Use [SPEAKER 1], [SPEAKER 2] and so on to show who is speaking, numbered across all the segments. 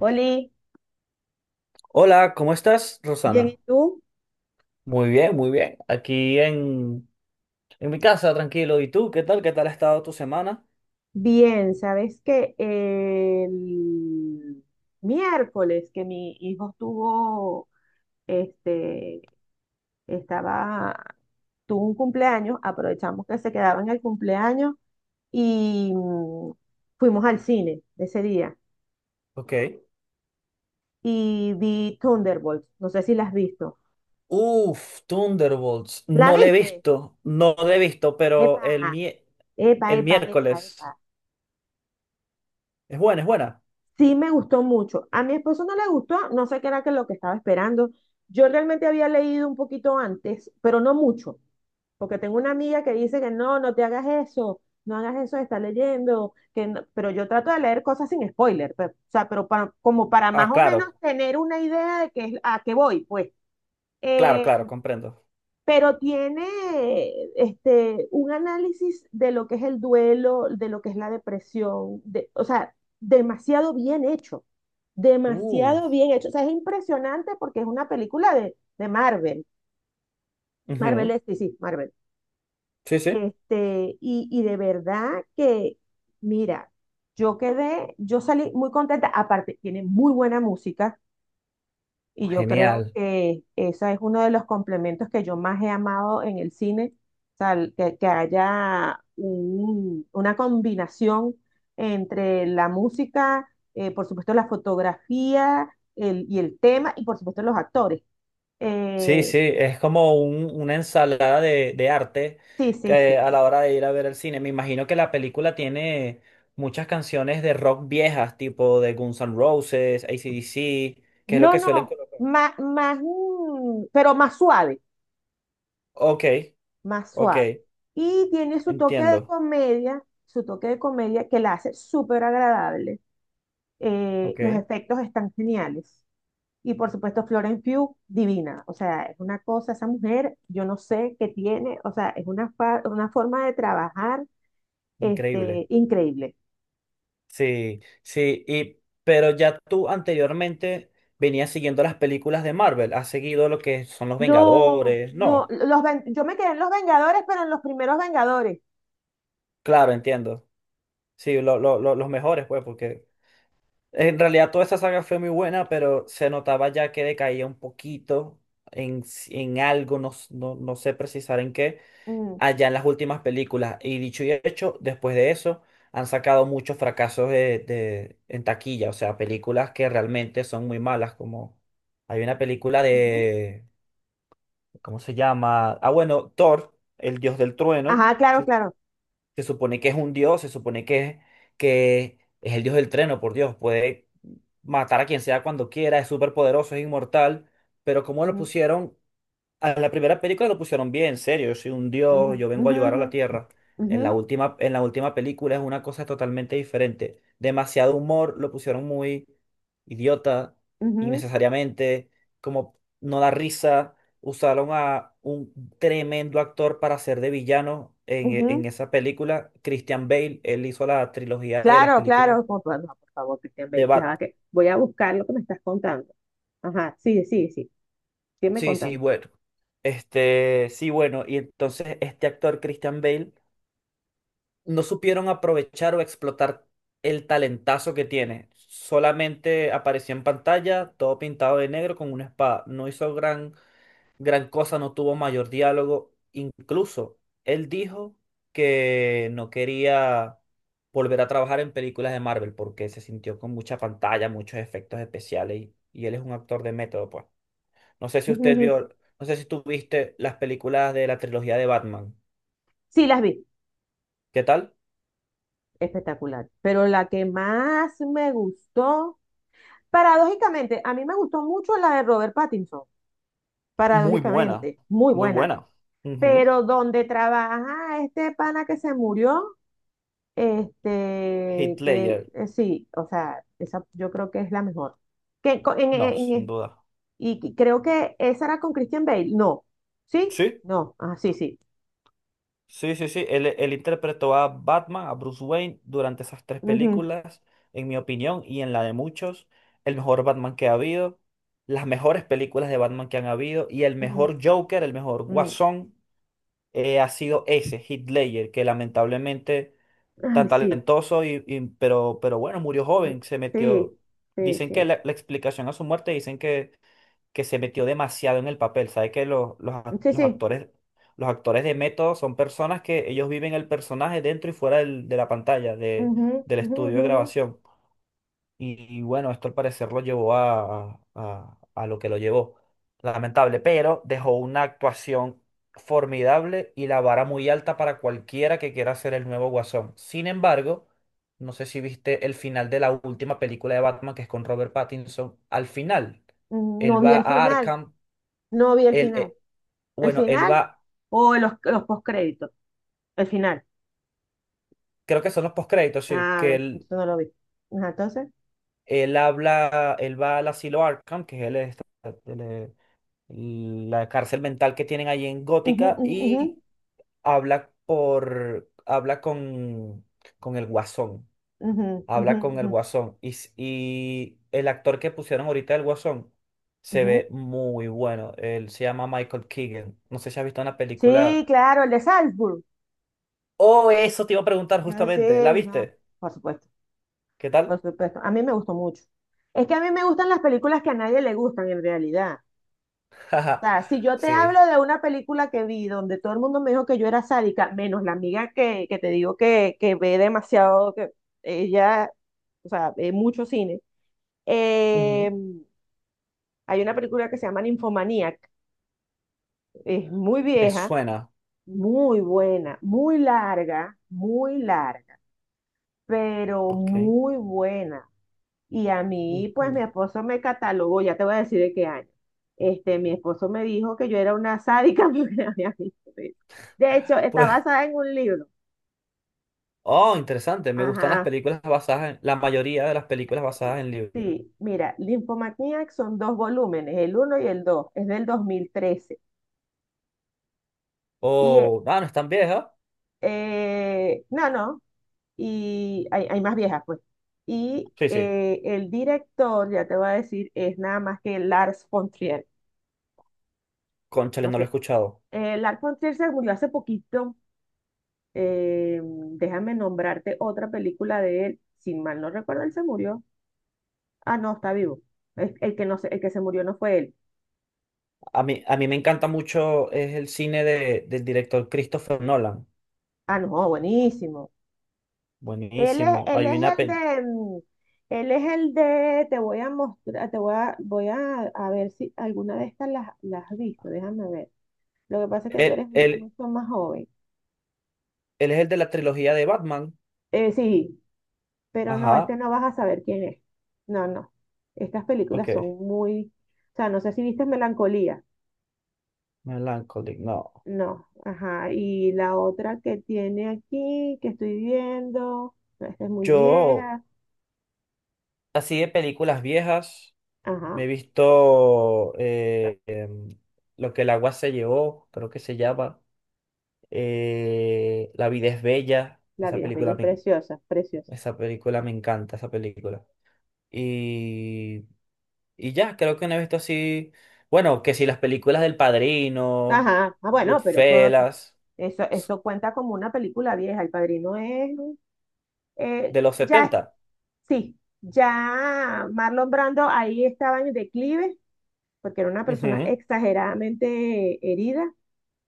[SPEAKER 1] Oli,
[SPEAKER 2] Hola, ¿cómo estás,
[SPEAKER 1] bien, ¿y
[SPEAKER 2] Rosana?
[SPEAKER 1] tú?
[SPEAKER 2] Muy bien, muy bien. En mi casa, tranquilo. ¿Y tú? ¿Qué tal? ¿Qué tal ha estado tu semana?
[SPEAKER 1] Bien, sabes que el miércoles que mi hijo este, estaba, tuvo un cumpleaños, aprovechamos que se quedaba en el cumpleaños y fuimos al cine ese día
[SPEAKER 2] Ok.
[SPEAKER 1] y vi Thunderbolts, no sé si la has visto.
[SPEAKER 2] Uf, Thunderbolts.
[SPEAKER 1] ¿La viste?
[SPEAKER 2] No le he visto, pero
[SPEAKER 1] Epa, epa,
[SPEAKER 2] el
[SPEAKER 1] epa, epa,
[SPEAKER 2] miércoles.
[SPEAKER 1] epa.
[SPEAKER 2] Es buena, es buena.
[SPEAKER 1] Sí me gustó mucho. A mi esposo no le gustó, no sé qué era que lo que estaba esperando. Yo realmente había leído un poquito antes, pero no mucho, porque tengo una amiga que dice que no, no te hagas eso, no hagas eso de estar leyendo, que no- pero yo trato de leer cosas sin spoiler, o sea, pero como para
[SPEAKER 2] Ah,
[SPEAKER 1] más o menos
[SPEAKER 2] claro,
[SPEAKER 1] tener una idea de qué es, a qué voy, pues.
[SPEAKER 2] claro,
[SPEAKER 1] Eh,
[SPEAKER 2] claro, comprendo.
[SPEAKER 1] pero tiene un análisis de lo que es el duelo, de lo que es la depresión, o sea, demasiado bien hecho, demasiado
[SPEAKER 2] Uf.
[SPEAKER 1] bien hecho. O sea, es impresionante porque es una película de, Marvel
[SPEAKER 2] Ujú.
[SPEAKER 1] es, sí, sí, Marvel.
[SPEAKER 2] Sí, sí.
[SPEAKER 1] Y de verdad que, mira, yo salí muy contenta, aparte tiene muy buena música. Y yo creo
[SPEAKER 2] Genial.
[SPEAKER 1] que esa es uno de los complementos que yo más he amado en el cine, o sea, que haya una combinación entre la música, por supuesto la fotografía y el tema, y por supuesto los actores.
[SPEAKER 2] Sí,
[SPEAKER 1] Eh,
[SPEAKER 2] sí, es como una ensalada de arte
[SPEAKER 1] sí, sí,
[SPEAKER 2] que
[SPEAKER 1] sí.
[SPEAKER 2] a la hora de ir a ver el cine. Me imagino que la película tiene muchas canciones de rock viejas, tipo de Guns N' Roses, AC/DC, que es lo
[SPEAKER 1] No,
[SPEAKER 2] que suelen
[SPEAKER 1] no,
[SPEAKER 2] colocar.
[SPEAKER 1] más, más, pero más suave.
[SPEAKER 2] Ok,
[SPEAKER 1] Más
[SPEAKER 2] ok,
[SPEAKER 1] suave. Y tiene su toque de
[SPEAKER 2] entiendo.
[SPEAKER 1] comedia, su toque de comedia que la hace súper agradable. Los
[SPEAKER 2] Ok,
[SPEAKER 1] efectos están geniales. Y por supuesto, Florence Pugh, divina. O sea, es una cosa, esa mujer, yo no sé qué tiene, o sea, es una, una forma de trabajar,
[SPEAKER 2] increíble.
[SPEAKER 1] increíble.
[SPEAKER 2] Sí, sí, pero ya tú anteriormente venías siguiendo las películas de Marvel, has seguido lo que son los
[SPEAKER 1] No,
[SPEAKER 2] Vengadores,
[SPEAKER 1] no,
[SPEAKER 2] no,
[SPEAKER 1] yo me quedé en los Vengadores, pero en los primeros Vengadores.
[SPEAKER 2] claro, entiendo. Sí, los mejores, pues, porque... En realidad toda esa saga fue muy buena, pero se notaba ya que decaía un poquito en algo, no, no sé precisar en qué,
[SPEAKER 1] Mm,
[SPEAKER 2] allá en las últimas películas. Y dicho y hecho, después de eso han sacado muchos fracasos en taquilla, o sea, películas que realmente son muy malas, como hay una película
[SPEAKER 1] ujú.
[SPEAKER 2] de, ¿cómo se llama? Ah, bueno, Thor, el dios del trueno.
[SPEAKER 1] Ajá, claro,
[SPEAKER 2] Sí,
[SPEAKER 1] claro.
[SPEAKER 2] se supone que es un dios, se supone que es el dios del treno, por Dios. Puede matar a quien sea cuando quiera, es súper poderoso, es inmortal. Pero como lo
[SPEAKER 1] Ujú,
[SPEAKER 2] pusieron a la primera película lo pusieron bien, en serio, yo soy un
[SPEAKER 1] ujú,
[SPEAKER 2] dios, yo vengo a ayudar a la
[SPEAKER 1] ujú,
[SPEAKER 2] Tierra.
[SPEAKER 1] ujú,
[SPEAKER 2] En la última película es una cosa totalmente diferente. Demasiado humor, lo pusieron muy idiota,
[SPEAKER 1] ujú,
[SPEAKER 2] innecesariamente, como no da risa. Usaron a un tremendo actor para ser de villano
[SPEAKER 1] ujú,
[SPEAKER 2] en
[SPEAKER 1] ujú.
[SPEAKER 2] esa película, Christian Bale, él hizo la trilogía de las
[SPEAKER 1] Claro,
[SPEAKER 2] películas
[SPEAKER 1] claro, no, por favor, Cristian,
[SPEAKER 2] de
[SPEAKER 1] Bale, ya va
[SPEAKER 2] Bat.
[SPEAKER 1] que voy a buscar lo que me estás contando. Ajá, sí, sí, sí, sígueme
[SPEAKER 2] Sí, sí,
[SPEAKER 1] contando.
[SPEAKER 2] bueno. Este, sí, bueno, y entonces este actor, Christian Bale, no supieron aprovechar o explotar el talentazo que tiene. Solamente apareció en pantalla, todo pintado de negro con una espada. No hizo gran cosa, no tuvo mayor diálogo. Incluso él dijo que no quería volver a trabajar en películas de Marvel porque se sintió con mucha pantalla, muchos efectos especiales y él es un actor de método, pues. No sé si
[SPEAKER 1] Ujú,
[SPEAKER 2] usted
[SPEAKER 1] ujú.
[SPEAKER 2] vio, no sé si tú viste las películas de la trilogía de Batman.
[SPEAKER 1] Sí, las vi,
[SPEAKER 2] ¿Qué tal?
[SPEAKER 1] espectacular. Pero la que más me gustó, paradójicamente, a mí me gustó mucho la de Robert Pattinson,
[SPEAKER 2] Muy buena,
[SPEAKER 1] paradójicamente, muy
[SPEAKER 2] muy
[SPEAKER 1] buena.
[SPEAKER 2] buena. Ujú.
[SPEAKER 1] Pero donde trabaja este pana que se murió, que
[SPEAKER 2] Hitler,
[SPEAKER 1] eh, sí, o sea, esa yo creo que es la mejor. Que co-
[SPEAKER 2] no, sin
[SPEAKER 1] en
[SPEAKER 2] duda.
[SPEAKER 1] Y que- Creo que esa era con Christian Bale. No. ¿Sí?
[SPEAKER 2] Sí,
[SPEAKER 1] No. Ah, sí, sí.
[SPEAKER 2] sí, sí, sí. Él, Él interpretó a Batman, a Bruce Wayne, durante esas tres
[SPEAKER 1] Ujú,
[SPEAKER 2] películas, en mi opinión y en la de muchos, el mejor Batman que ha habido, las mejores películas de Batman que han habido y el
[SPEAKER 1] ujú,
[SPEAKER 2] mejor Joker, el mejor
[SPEAKER 1] mm.
[SPEAKER 2] Guasón, ha sido ese, Heath Ledger, que lamentablemente tan
[SPEAKER 1] Ay, sí.
[SPEAKER 2] talentoso pero bueno, murió
[SPEAKER 1] Mm.
[SPEAKER 2] joven, se metió.
[SPEAKER 1] Sí, sí,
[SPEAKER 2] Dicen que
[SPEAKER 1] sí.
[SPEAKER 2] la explicación a su muerte, dicen que se metió demasiado en el papel. Sabe que
[SPEAKER 1] Sí, sí.
[SPEAKER 2] los actores de método son personas que ellos viven el personaje dentro y fuera de la pantalla, de,
[SPEAKER 1] Ujú,
[SPEAKER 2] del
[SPEAKER 1] ujú,
[SPEAKER 2] estudio
[SPEAKER 1] ujú,
[SPEAKER 2] de
[SPEAKER 1] ujú.
[SPEAKER 2] grabación. Y bueno, esto al parecer lo llevó a lo que lo llevó. Lamentable, pero dejó una actuación formidable y la vara muy alta para cualquiera que quiera ser el nuevo Guasón. Sin embargo, no sé si viste el final de la última película de Batman, que es con Robert Pattinson. Al final,
[SPEAKER 1] Mm. No
[SPEAKER 2] él
[SPEAKER 1] vi
[SPEAKER 2] va
[SPEAKER 1] el
[SPEAKER 2] a
[SPEAKER 1] final.
[SPEAKER 2] Arkham,
[SPEAKER 1] No vi el
[SPEAKER 2] él,
[SPEAKER 1] final. ¿El
[SPEAKER 2] bueno, él
[SPEAKER 1] final?
[SPEAKER 2] va,
[SPEAKER 1] O los postcréditos. El final.
[SPEAKER 2] creo que son los postcréditos, sí,
[SPEAKER 1] Ah,
[SPEAKER 2] que
[SPEAKER 1] ver,
[SPEAKER 2] él,
[SPEAKER 1] eso no lo vi. Ajá, entonces.
[SPEAKER 2] él habla, él va al asilo Arkham, que es el, la cárcel mental que tienen allí en
[SPEAKER 1] Ujú,
[SPEAKER 2] Gótica
[SPEAKER 1] ujú, ujú,
[SPEAKER 2] y habla con el Guasón,
[SPEAKER 1] ujú, ujú,
[SPEAKER 2] habla con el
[SPEAKER 1] ujú,
[SPEAKER 2] Guasón y el actor que pusieron ahorita el Guasón se
[SPEAKER 1] ujú.
[SPEAKER 2] ve muy bueno, él se llama Michael Keegan, no sé si has visto una
[SPEAKER 1] Sí,
[SPEAKER 2] película,
[SPEAKER 1] claro, el de Salzburg.
[SPEAKER 2] oh, eso te iba a preguntar
[SPEAKER 1] Ah, sí,
[SPEAKER 2] justamente, ¿la
[SPEAKER 1] no,
[SPEAKER 2] viste?
[SPEAKER 1] por supuesto.
[SPEAKER 2] ¿Qué tal?
[SPEAKER 1] Por supuesto, a mí me gustó mucho. Es que a mí me gustan las películas que a nadie le gustan en realidad. O
[SPEAKER 2] Jaja,
[SPEAKER 1] sea, si yo te
[SPEAKER 2] sí,
[SPEAKER 1] hablo de una película que vi donde todo el mundo me dijo que yo era sádica, menos la amiga que te digo que ve demasiado, que ella, o sea, ve mucho cine. Eh,
[SPEAKER 2] ujú.
[SPEAKER 1] Hay una película que se llama Ninfomaniac, es muy
[SPEAKER 2] Me
[SPEAKER 1] vieja,
[SPEAKER 2] suena,
[SPEAKER 1] muy buena, muy larga, pero
[SPEAKER 2] ok.
[SPEAKER 1] muy buena. Y a mí, pues mi
[SPEAKER 2] Ujú.
[SPEAKER 1] esposo me catalogó, ya te voy a decir de qué año. Mi esposo me dijo que yo era una sádica porque había visto eso. De hecho, está
[SPEAKER 2] Pues
[SPEAKER 1] basada en un libro.
[SPEAKER 2] oh, interesante. Me gustan las
[SPEAKER 1] Ajá.
[SPEAKER 2] películas basadas en, la mayoría de las películas basadas en libros.
[SPEAKER 1] Sí, mira, Nymphomaniac son dos volúmenes, el uno y el dos. Es del 2013. Y,
[SPEAKER 2] Oh, ah, no es tan vieja.
[SPEAKER 1] no, no, y hay más viejas, pues. Y
[SPEAKER 2] Sí, sí.
[SPEAKER 1] el director, ya te voy a decir, es nada más que Lars von Trier.
[SPEAKER 2] Cónchale,
[SPEAKER 1] No
[SPEAKER 2] no lo he
[SPEAKER 1] sé,
[SPEAKER 2] escuchado.
[SPEAKER 1] Lars von Trier se murió hace poquito. Déjame nombrarte otra película de él. Sin mal no recuerdo, él se murió. Ah, no, está vivo. El que no se, el que se murió no fue él.
[SPEAKER 2] A mí me encanta mucho es el cine de, del director Christopher Nolan.
[SPEAKER 1] Ah, no, buenísimo. Él es,
[SPEAKER 2] Buenísimo.
[SPEAKER 1] él
[SPEAKER 2] Hay
[SPEAKER 1] es
[SPEAKER 2] una
[SPEAKER 1] el
[SPEAKER 2] pel...
[SPEAKER 1] de, mm, él es el de, te voy a, mostrar, te voy a, voy a ver si alguna de estas las has visto. Déjame ver. Lo que pasa es que tú
[SPEAKER 2] Él,
[SPEAKER 1] eres
[SPEAKER 2] él,
[SPEAKER 1] mucho más joven.
[SPEAKER 2] él es el de la trilogía de Batman.
[SPEAKER 1] Sí, pero no,
[SPEAKER 2] Ajá.
[SPEAKER 1] no vas a saber quién es. No, no. Estas
[SPEAKER 2] Ok.
[SPEAKER 1] películas son muy, o sea, no sé si viste Melancolía.
[SPEAKER 2] Melancholic, no.
[SPEAKER 1] No, ajá. Y la otra que tiene aquí, que estoy viendo, no, esta es muy
[SPEAKER 2] Yo,
[SPEAKER 1] vieja.
[SPEAKER 2] así de películas viejas,
[SPEAKER 1] Ajá.
[SPEAKER 2] me he visto lo que el agua se llevó, creo que se llama. Eh, la vida es bella.
[SPEAKER 1] La vida es bella, es preciosa, preciosa.
[SPEAKER 2] Esa película me encanta, esa película. Y, y ya, creo que no he visto así. Bueno, que si las películas del Padrino,
[SPEAKER 1] Ajá. Ah, bueno, pero eso,
[SPEAKER 2] Goodfellas,
[SPEAKER 1] eso,
[SPEAKER 2] s-
[SPEAKER 1] eso cuenta como una película vieja. El Padrino es,
[SPEAKER 2] de los
[SPEAKER 1] ya,
[SPEAKER 2] setenta.
[SPEAKER 1] sí, ya Marlon Brando ahí estaba en declive, porque era una persona
[SPEAKER 2] Ujú.
[SPEAKER 1] exageradamente herida,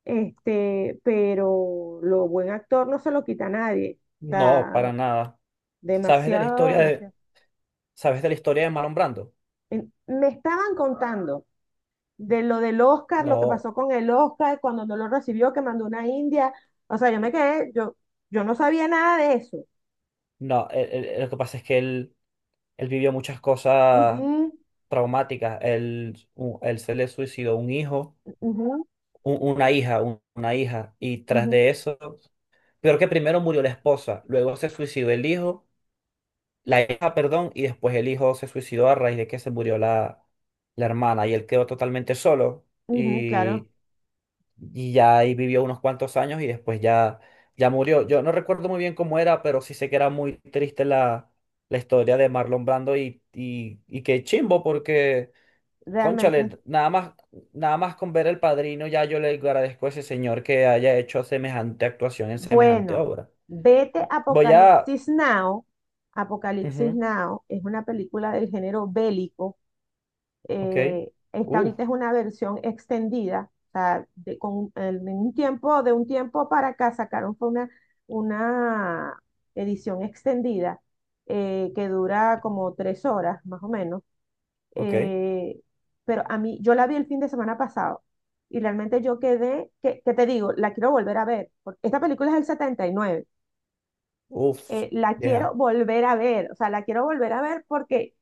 [SPEAKER 1] pero lo buen actor no se lo quita a nadie. O
[SPEAKER 2] No,
[SPEAKER 1] sea,
[SPEAKER 2] para nada. ¿Sabes de la
[SPEAKER 1] demasiado,
[SPEAKER 2] historia de,
[SPEAKER 1] demasiado.
[SPEAKER 2] sabes de la historia de Marlon Brando?
[SPEAKER 1] Me estaban contando de lo del Oscar, lo que
[SPEAKER 2] No,
[SPEAKER 1] pasó con el Oscar, cuando no lo recibió, que mandó una india. O sea, yo me quedé, yo no sabía nada de eso.
[SPEAKER 2] no. Lo que pasa es que él vivió muchas cosas
[SPEAKER 1] Ujú,
[SPEAKER 2] traumáticas. Él se le suicidó un hijo
[SPEAKER 1] ujú,
[SPEAKER 2] u- una hija, un- una hija, y tras
[SPEAKER 1] ujú,
[SPEAKER 2] de eso, peor que primero murió la esposa, luego se suicidó el hijo, la hija, perdón, y después el hijo se suicidó a raíz de que se murió la, la hermana y él quedó totalmente solo
[SPEAKER 1] ujú, claro,
[SPEAKER 2] y, y ya ahí vivió unos cuantos años y después ya, ya murió. Yo no recuerdo muy bien cómo era, pero sí sé que era muy triste la, la historia de Marlon Brando y qué chimbo porque...
[SPEAKER 1] realmente.
[SPEAKER 2] Cónchale, nada más, nada más con ver El Padrino, ya yo le agradezco a ese señor que haya hecho semejante actuación en semejante
[SPEAKER 1] Bueno,
[SPEAKER 2] obra.
[SPEAKER 1] vete
[SPEAKER 2] Voy a...
[SPEAKER 1] Apocalipsis Now. Apocalipsis
[SPEAKER 2] ujú,
[SPEAKER 1] Now es una película del género bélico.
[SPEAKER 2] ok.
[SPEAKER 1] Esta
[SPEAKER 2] Uf,
[SPEAKER 1] ahorita es una versión extendida, o sea, de, con, en un tiempo, de un tiempo para acá sacaron fue una edición extendida, que dura como 3 horas más o menos.
[SPEAKER 2] ok.
[SPEAKER 1] Eh, pero a mí, yo la vi el fin de semana pasado y realmente yo quedé, que te digo, la quiero volver a ver, porque esta película es del 79.
[SPEAKER 2] Uf,
[SPEAKER 1] La quiero
[SPEAKER 2] vieja.
[SPEAKER 1] volver a ver, o sea, la quiero volver a ver porque,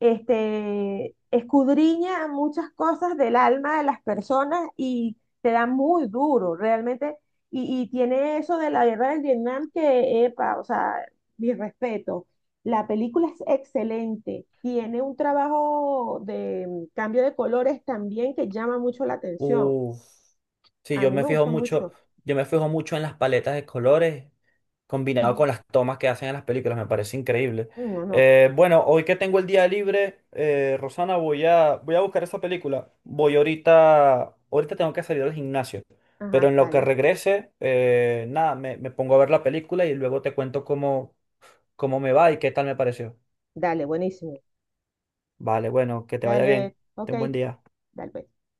[SPEAKER 1] escudriña muchas cosas del alma de las personas y te da muy duro, realmente, y tiene eso de la guerra del Vietnam que, epa, o sea, mi respeto. La película es excelente, tiene un trabajo de cambio de colores también que llama mucho la atención.
[SPEAKER 2] Uf. Sí,
[SPEAKER 1] A
[SPEAKER 2] yo
[SPEAKER 1] mí
[SPEAKER 2] me
[SPEAKER 1] me
[SPEAKER 2] fijo
[SPEAKER 1] gusta
[SPEAKER 2] mucho,
[SPEAKER 1] mucho.
[SPEAKER 2] yo me fijo mucho en las paletas de colores combinado
[SPEAKER 1] Ujú.
[SPEAKER 2] con las tomas que hacen en las películas, me parece increíble.
[SPEAKER 1] No, no.
[SPEAKER 2] Bueno, hoy que tengo el día libre, Rosana, voy a buscar esa película. Voy ahorita, ahorita tengo que salir al gimnasio, pero
[SPEAKER 1] Ajá,
[SPEAKER 2] en lo que
[SPEAKER 1] dale.
[SPEAKER 2] regrese, nada, me pongo a ver la película y luego te cuento cómo, cómo me va y qué tal me pareció.
[SPEAKER 1] Dale, buenísimo.
[SPEAKER 2] Vale, bueno, que te vaya
[SPEAKER 1] Dale,
[SPEAKER 2] bien.
[SPEAKER 1] ok,
[SPEAKER 2] Ten buen día.
[SPEAKER 1] dale, pues.